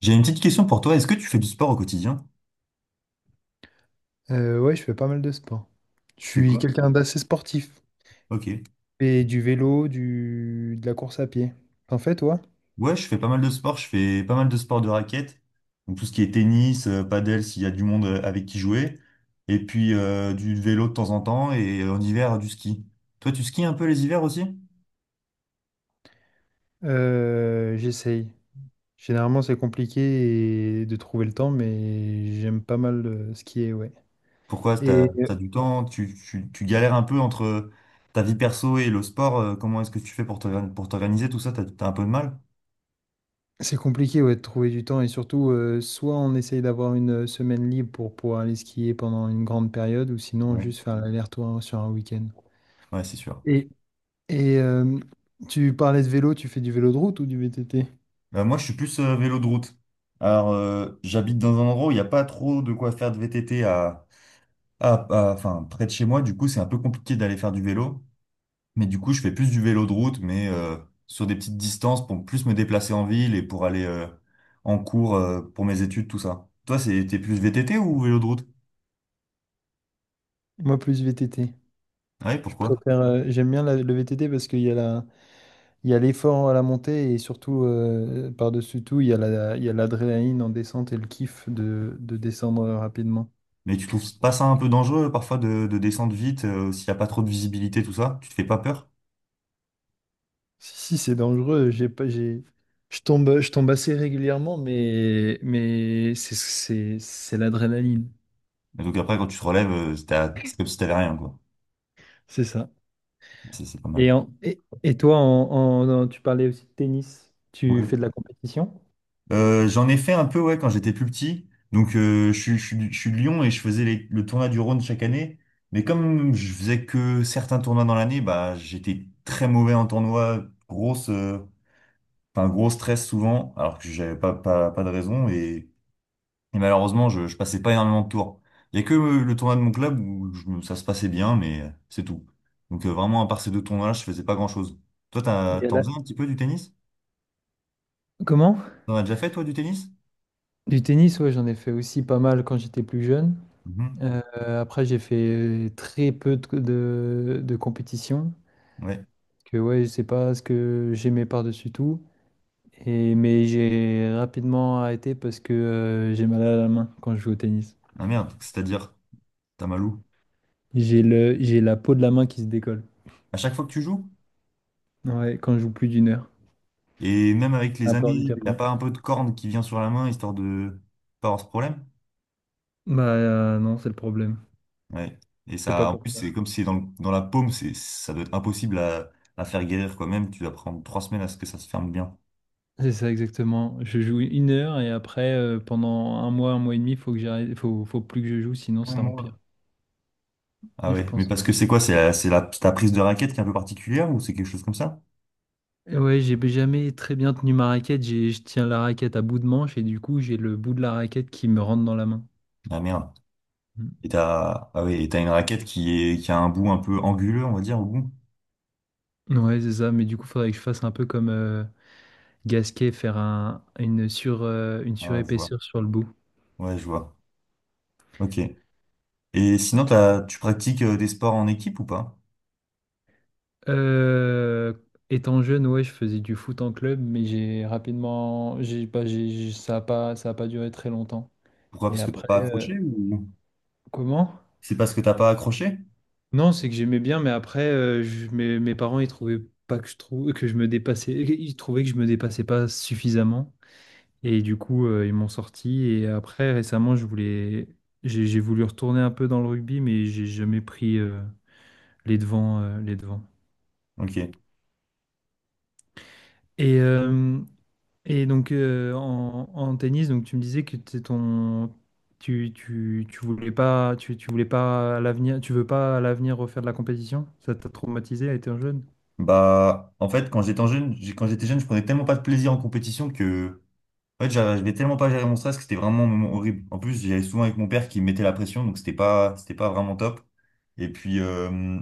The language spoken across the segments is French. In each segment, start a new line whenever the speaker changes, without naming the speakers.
J'ai une petite question pour toi. Est-ce que tu fais du sport au quotidien?
Ouais, je fais pas mal de sport. Je
Tu fais
suis
quoi?
quelqu'un d'assez sportif.
Ok.
Et du vélo, de la course à pied. T'en fais, toi?
Ouais, je fais pas mal de sport. Je fais pas mal de sport de raquette. Donc tout ce qui est tennis, padel, s'il y a du monde avec qui jouer. Et puis du vélo de temps en temps et en hiver du ski. Toi, tu skis un peu les hivers aussi?
J'essaye. Généralement, c'est compliqué de trouver le temps, mais j'aime pas mal skier, ouais.
Pourquoi? T'as,
Et euh,
t'as du temps? Tu galères un peu entre ta vie perso et le sport. Comment est-ce que tu fais pour t'organiser tout ça? T'as un peu de mal?
c'est compliqué, ouais, de trouver du temps. Et surtout, soit on essaye d'avoir une semaine libre pour pouvoir aller skier pendant une grande période, ou sinon
Ouais,
juste faire l'aller-retour sur un week-end.
ouais, c'est sûr.
Et, et, tu parlais de vélo, tu fais du vélo de route ou du VTT?
Bah, moi, je suis plus vélo de route. Alors, j'habite dans un endroit où il n'y a pas trop de quoi faire de VTT enfin, près de chez moi. Du coup, c'est un peu compliqué d'aller faire du vélo. Mais du coup, je fais plus du vélo de route, mais sur des petites distances pour plus me déplacer en ville et pour aller en cours pour mes études, tout ça. Toi, c'est, t'es plus VTT ou vélo de route?
Moi, plus VTT.
Ouais,
Je
pourquoi?
préfère, j'aime bien le VTT parce qu'il y a l'effort à la montée et surtout, par-dessus tout, il y a l'adrénaline en descente et le kiff de descendre rapidement.
Mais tu trouves pas ça un peu dangereux parfois de descendre vite s'il n'y a pas trop de visibilité, tout ça? Tu te fais pas peur?
Si, si, c'est dangereux, j'ai pas, j'ai, je tombe assez régulièrement, mais c'est l'adrénaline,
Et donc après, quand tu te relèves, c'est comme si t'avais rien, quoi.
c'est ça.
Ça, c'est pas mal.
Et toi, tu parlais aussi de tennis, tu
Ouais.
fais de la compétition?
J'en ai fait un peu ouais quand j'étais plus petit. Donc je suis de Lyon et je faisais le tournoi du Rhône chaque année. Mais comme je faisais que certains tournois dans l'année, bah j'étais très mauvais en tournoi, grosse, enfin gros stress souvent, alors que j'avais pas de raison et malheureusement je passais pas énormément de tours. Il y a que le tournoi de mon club où ça se passait bien, mais c'est tout. Donc vraiment à part ces deux tournois-là, je faisais pas grand-chose. Toi
Il y a
t'en faisais un petit peu du tennis?
Comment?
T'en as déjà fait toi du tennis?
Du tennis, ouais, j'en ai fait aussi pas mal quand j'étais plus jeune.
Mhm.
Euh, Après, j'ai fait très peu de compétitions,
Ouais.
que ouais, c'est pas ce que j'aimais par-dessus tout. Et, mais j'ai rapidement arrêté parce que j'ai mal à la main quand je joue au tennis.
Ah merde, c'est-à-dire. Tamalou.
J'ai la peau de la main qui se décolle.
À chaque fois que tu joues,
Ouais, quand je joue plus d'1 heure.
et même avec
C'est
les
un peu
années, il n'a
handicapant.
pas un peu de corne qui vient sur la main, histoire de pas avoir ce problème.
Non, c'est le problème.
Ouais. Et
Je sais pas
ça, en plus,
pourquoi.
c'est comme si c'est dans, dans la paume, c'est, ça doit être impossible à faire guérir quand même. Tu vas prendre 3 semaines à ce que ça se ferme bien.
C'est ça exactement. Je joue 1 heure et après, pendant un mois et demi, faut que j'arrête, faut plus que je joue, sinon
Un
ça empire.
mois. Ah
Je
ouais, mais
pense.
parce que c'est quoi? C'est la, ta prise de raquette qui est un peu particulière ou c'est quelque chose comme ça?
Et ouais, j'ai jamais très bien tenu ma raquette. Je tiens la raquette à bout de manche et du coup, j'ai le bout de la raquette qui me rentre dans la main.
Ah merde.
Mm.
Et t'as, ah ouais, et t'as une raquette qui est, qui a un bout un peu anguleux, on va dire, au bout.
Ouais, c'est ça. Mais du coup, faudrait que je fasse un peu comme Gasquet, faire une sur, une
Ah, je vois.
surépaisseur sur le bout.
Ouais, je vois. Ok. Et sinon, t'as, tu pratiques des sports en équipe ou pas?
Euh, Étant jeune, ouais, je faisais du foot en club, mais j'ai rapidement, j'ai pas, j'ai- ça a pas duré très longtemps.
Pourquoi?
Et
Parce que t'as
après,
pas accroché ou
comment?
c'est parce que t'as pas accroché?
Non, c'est que j'aimais bien, mais après, mes parents, ils trouvaient pas que je trouve que je me dépassais, ils trouvaient que je me dépassais pas suffisamment, et du coup, ils m'ont sorti. Et après, récemment, j'ai voulu retourner un peu dans le rugby, mais j'ai jamais pris euh, les devants.
Ok.
Et euh, et donc, en tennis, donc tu me disais que t'es ton, tu voulais pas, tu voulais pas à l'avenir, tu veux pas à l'avenir refaire de la compétition? Ça t'a traumatisé à être jeune?
Bah, en fait, quand j'étais jeune, je prenais tellement pas de plaisir en compétition que, en fait, j'arrivais tellement pas à gérer mon stress que c'était vraiment un moment horrible. En plus, j'y allais souvent avec mon père qui me mettait la pression, donc c'était pas vraiment top. Et puis,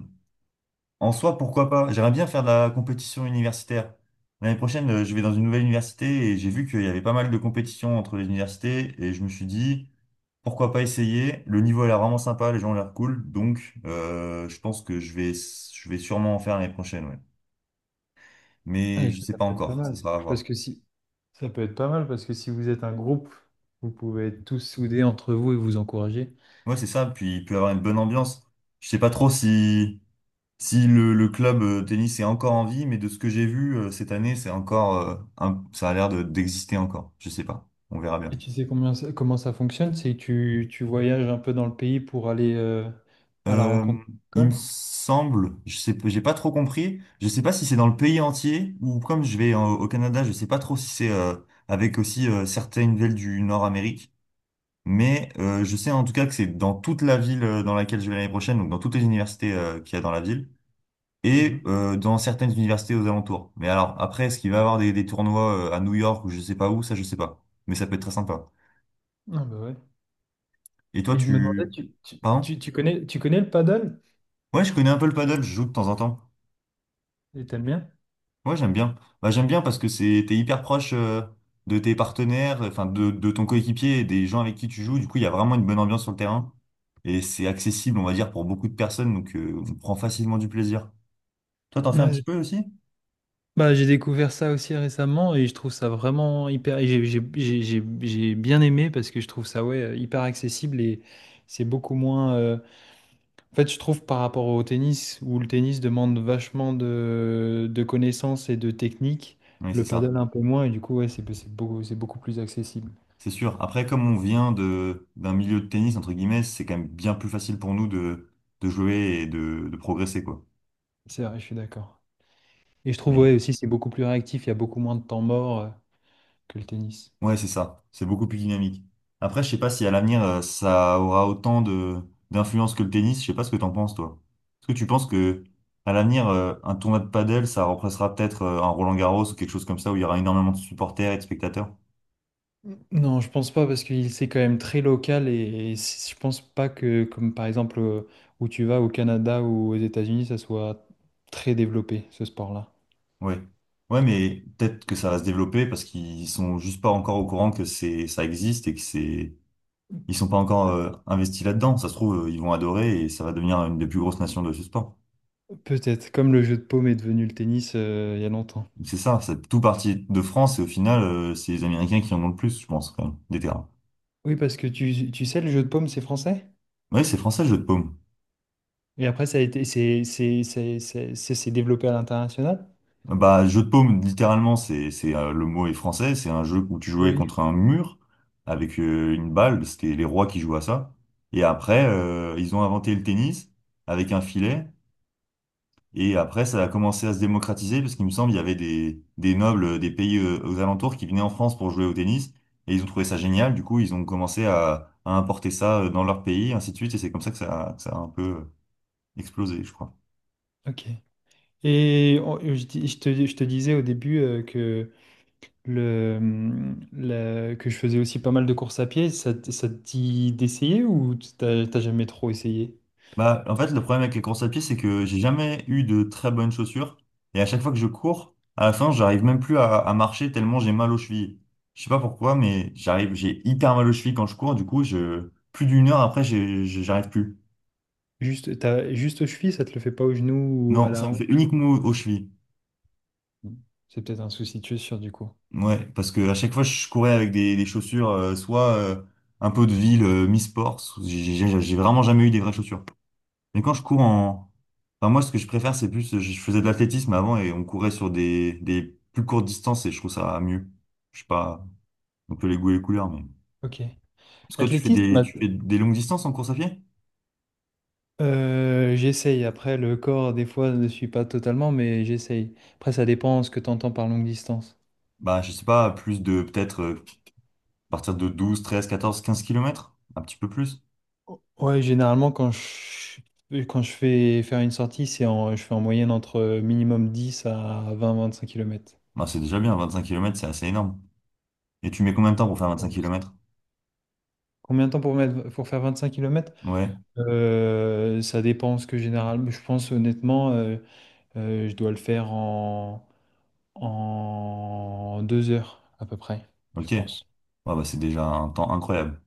en soi, pourquoi pas? J'aimerais bien faire de la compétition universitaire. L'année prochaine, je vais dans une nouvelle université et j'ai vu qu'il y avait pas mal de compétitions entre les universités et je me suis dit. Pourquoi pas essayer? Le niveau a l'air vraiment sympa, les gens ont l'air cool, donc je pense que je vais sûrement en faire l'année prochaine, ouais.
Ah,
Mais
ok,
je sais
ça
pas
peut être pas
encore, ce
mal.
sera à
Parce
voir.
que si, ça peut être pas mal parce que si vous êtes un groupe, vous pouvez être tous soudés entre vous et vous encourager.
Ouais, c'est ça, puis il peut y avoir une bonne ambiance. Je sais pas trop si, si le club tennis est encore en vie, mais de ce que j'ai vu cette année, c'est encore, ça a l'air d'exister encore. Je sais pas, on verra
Et
bien.
tu sais comment ça fonctionne? C'est que tu voyages un peu dans le pays pour aller à la
Euh,
rencontre de
il me
l'école.
semble, je sais, j'ai pas trop compris. Je sais pas si c'est dans le pays entier ou comme je vais au Canada, je sais pas trop si c'est avec aussi certaines villes du Nord-Amérique. Mais je sais en tout cas que c'est dans toute la ville dans laquelle je vais l'année prochaine, donc dans toutes les universités qu'il y a dans la ville et
Mhm.
dans certaines universités aux alentours. Mais alors après, est-ce qu'il va y avoir des tournois à New York ou je sais pas où, ça je sais pas. Mais ça peut être très sympa.
Ah bah ouais.
Et toi,
Et je me demandais,
tu, pardon?
tu connais le paddle?
Ouais, je connais un peu le paddle, je joue de temps en temps.
Et t'aimes bien?
Ouais, j'aime bien. Bah, j'aime bien parce que c'est, t'es hyper proche de tes partenaires, enfin de ton coéquipier et des gens avec qui tu joues. Du coup, il y a vraiment une bonne ambiance sur le terrain et c'est accessible, on va dire, pour beaucoup de personnes. Donc, on prend facilement du plaisir. Toi, t'en fais un
Ouais,
petit peu aussi?
bah, j'ai découvert ça aussi récemment et je trouve ça vraiment hyper. Et j'ai bien aimé parce que je trouve ça ouais, hyper accessible et c'est beaucoup moins. En fait, je trouve par rapport au tennis, où le tennis demande vachement de connaissances et de techniques,
Oui, c'est
le
ça.
paddle un peu moins et du coup, ouais, c'est beaucoup plus accessible.
C'est sûr. Après, comme on vient de d'un milieu de tennis, entre guillemets, c'est quand même bien plus facile pour nous de jouer et de progresser, quoi.
C'est vrai, je suis d'accord. Et je trouve
Mais
ouais, aussi c'est beaucoup plus réactif, il y a beaucoup moins de temps mort que le tennis.
ouais, c'est ça. C'est beaucoup plus dynamique. Après, je sais pas si à l'avenir, ça aura autant de d'influence que le tennis. Je sais pas ce que t'en penses, toi. Est-ce que tu penses que à l'avenir, un tournoi de padel, ça remplacera peut-être un Roland-Garros ou quelque chose comme ça où il y aura énormément de supporters et de spectateurs?
Non, je pense pas parce qu'il c'est quand même très local et je pense pas que comme par exemple où tu vas au Canada ou aux États-Unis, ça soit très développé ce sport-là.
Ouais. Ouais, mais peut-être que ça va se développer parce qu'ils sont juste pas encore au courant que c'est ça existe et que c'est Ils sont pas encore investis là-dedans. Ça se trouve, ils vont adorer et ça va devenir une des plus grosses nations de ce sport.
Peut-être comme le jeu de paume est devenu le tennis il y a longtemps.
C'est ça, c'est tout parti de France et au final, c'est les Américains qui en ont le plus, je pense, quand même, des terrains.
Oui, parce que tu sais, le jeu de paume c'est français
Oui, c'est français, le jeu de paume.
et après ça a été c'est développé à l'international.
Bah, jeu de paume, littéralement, c'est, le mot est français. C'est un jeu où tu jouais
Oui.
contre un mur avec une balle. C'était les rois qui jouaient à ça. Et après, ils ont inventé le tennis avec un filet. Et après, ça a commencé à se démocratiser parce qu'il me semble il y avait des nobles des pays aux alentours qui venaient en France pour jouer au tennis et ils ont trouvé ça génial. Du coup, ils ont commencé à importer ça dans leur pays, ainsi de suite. Et c'est comme ça que ça, que ça a un peu explosé, je crois.
Ok. Je te disais au début le, que je faisais aussi pas mal de courses à pied, ça te dit d'essayer ou t'as jamais trop essayé?
Bah, en fait, le problème avec les courses à pied, c'est que j'ai jamais eu de très bonnes chaussures et à chaque fois que je cours, à la fin, j'arrive même plus à marcher tellement j'ai mal aux chevilles. Je sais pas pourquoi, mais j'arrive, j'ai hyper mal aux chevilles quand je cours. Du coup, je, plus d'une heure après, j'arrive plus.
Juste, juste aux chevilles, ça te le fait pas aux genoux ou à
Non,
la
ça me fait
hanche ou-
uniquement aux chevilles.
C'est peut-être un souci, tu es sûr du coup.
Ouais, parce que à chaque fois je courais avec des chaussures, soit un peu de ville, mi-sport, j'ai vraiment jamais eu des vraies chaussures. Mais quand je cours en... Enfin moi ce que je préfère c'est plus, je faisais de l'athlétisme avant et on courait sur des plus courtes distances et je trouve ça mieux. Je sais pas, on peut les goûts et les couleurs, mais...
Ok.
Parce que toi,
Athlétisme, ma-
tu fais des longues distances en course à pied?
J'essaye. Après, le corps, des fois, ne suit pas totalement, mais j'essaye. Après, ça dépend ce que tu entends par longue distance.
Bah je sais pas, plus de peut-être à partir de 12 13 14 15 kilomètres, un petit peu plus.
Ouais, généralement, quand je fais faire une sortie, je fais en moyenne entre minimum 10 à 20 25 km.
Bah, c'est déjà bien, 25 kilomètres c'est assez énorme. Et tu mets combien de temps pour faire 25
Oui.
kilomètres?
Combien de temps pour mettre, pour faire vingt-cinq kilomètres km?
Ouais
Ça dépend ce que généralement. Je pense honnêtement, je dois le faire en 2 heures à peu près, je
Ok.
pense.
Ah bah, c'est déjà un temps incroyable.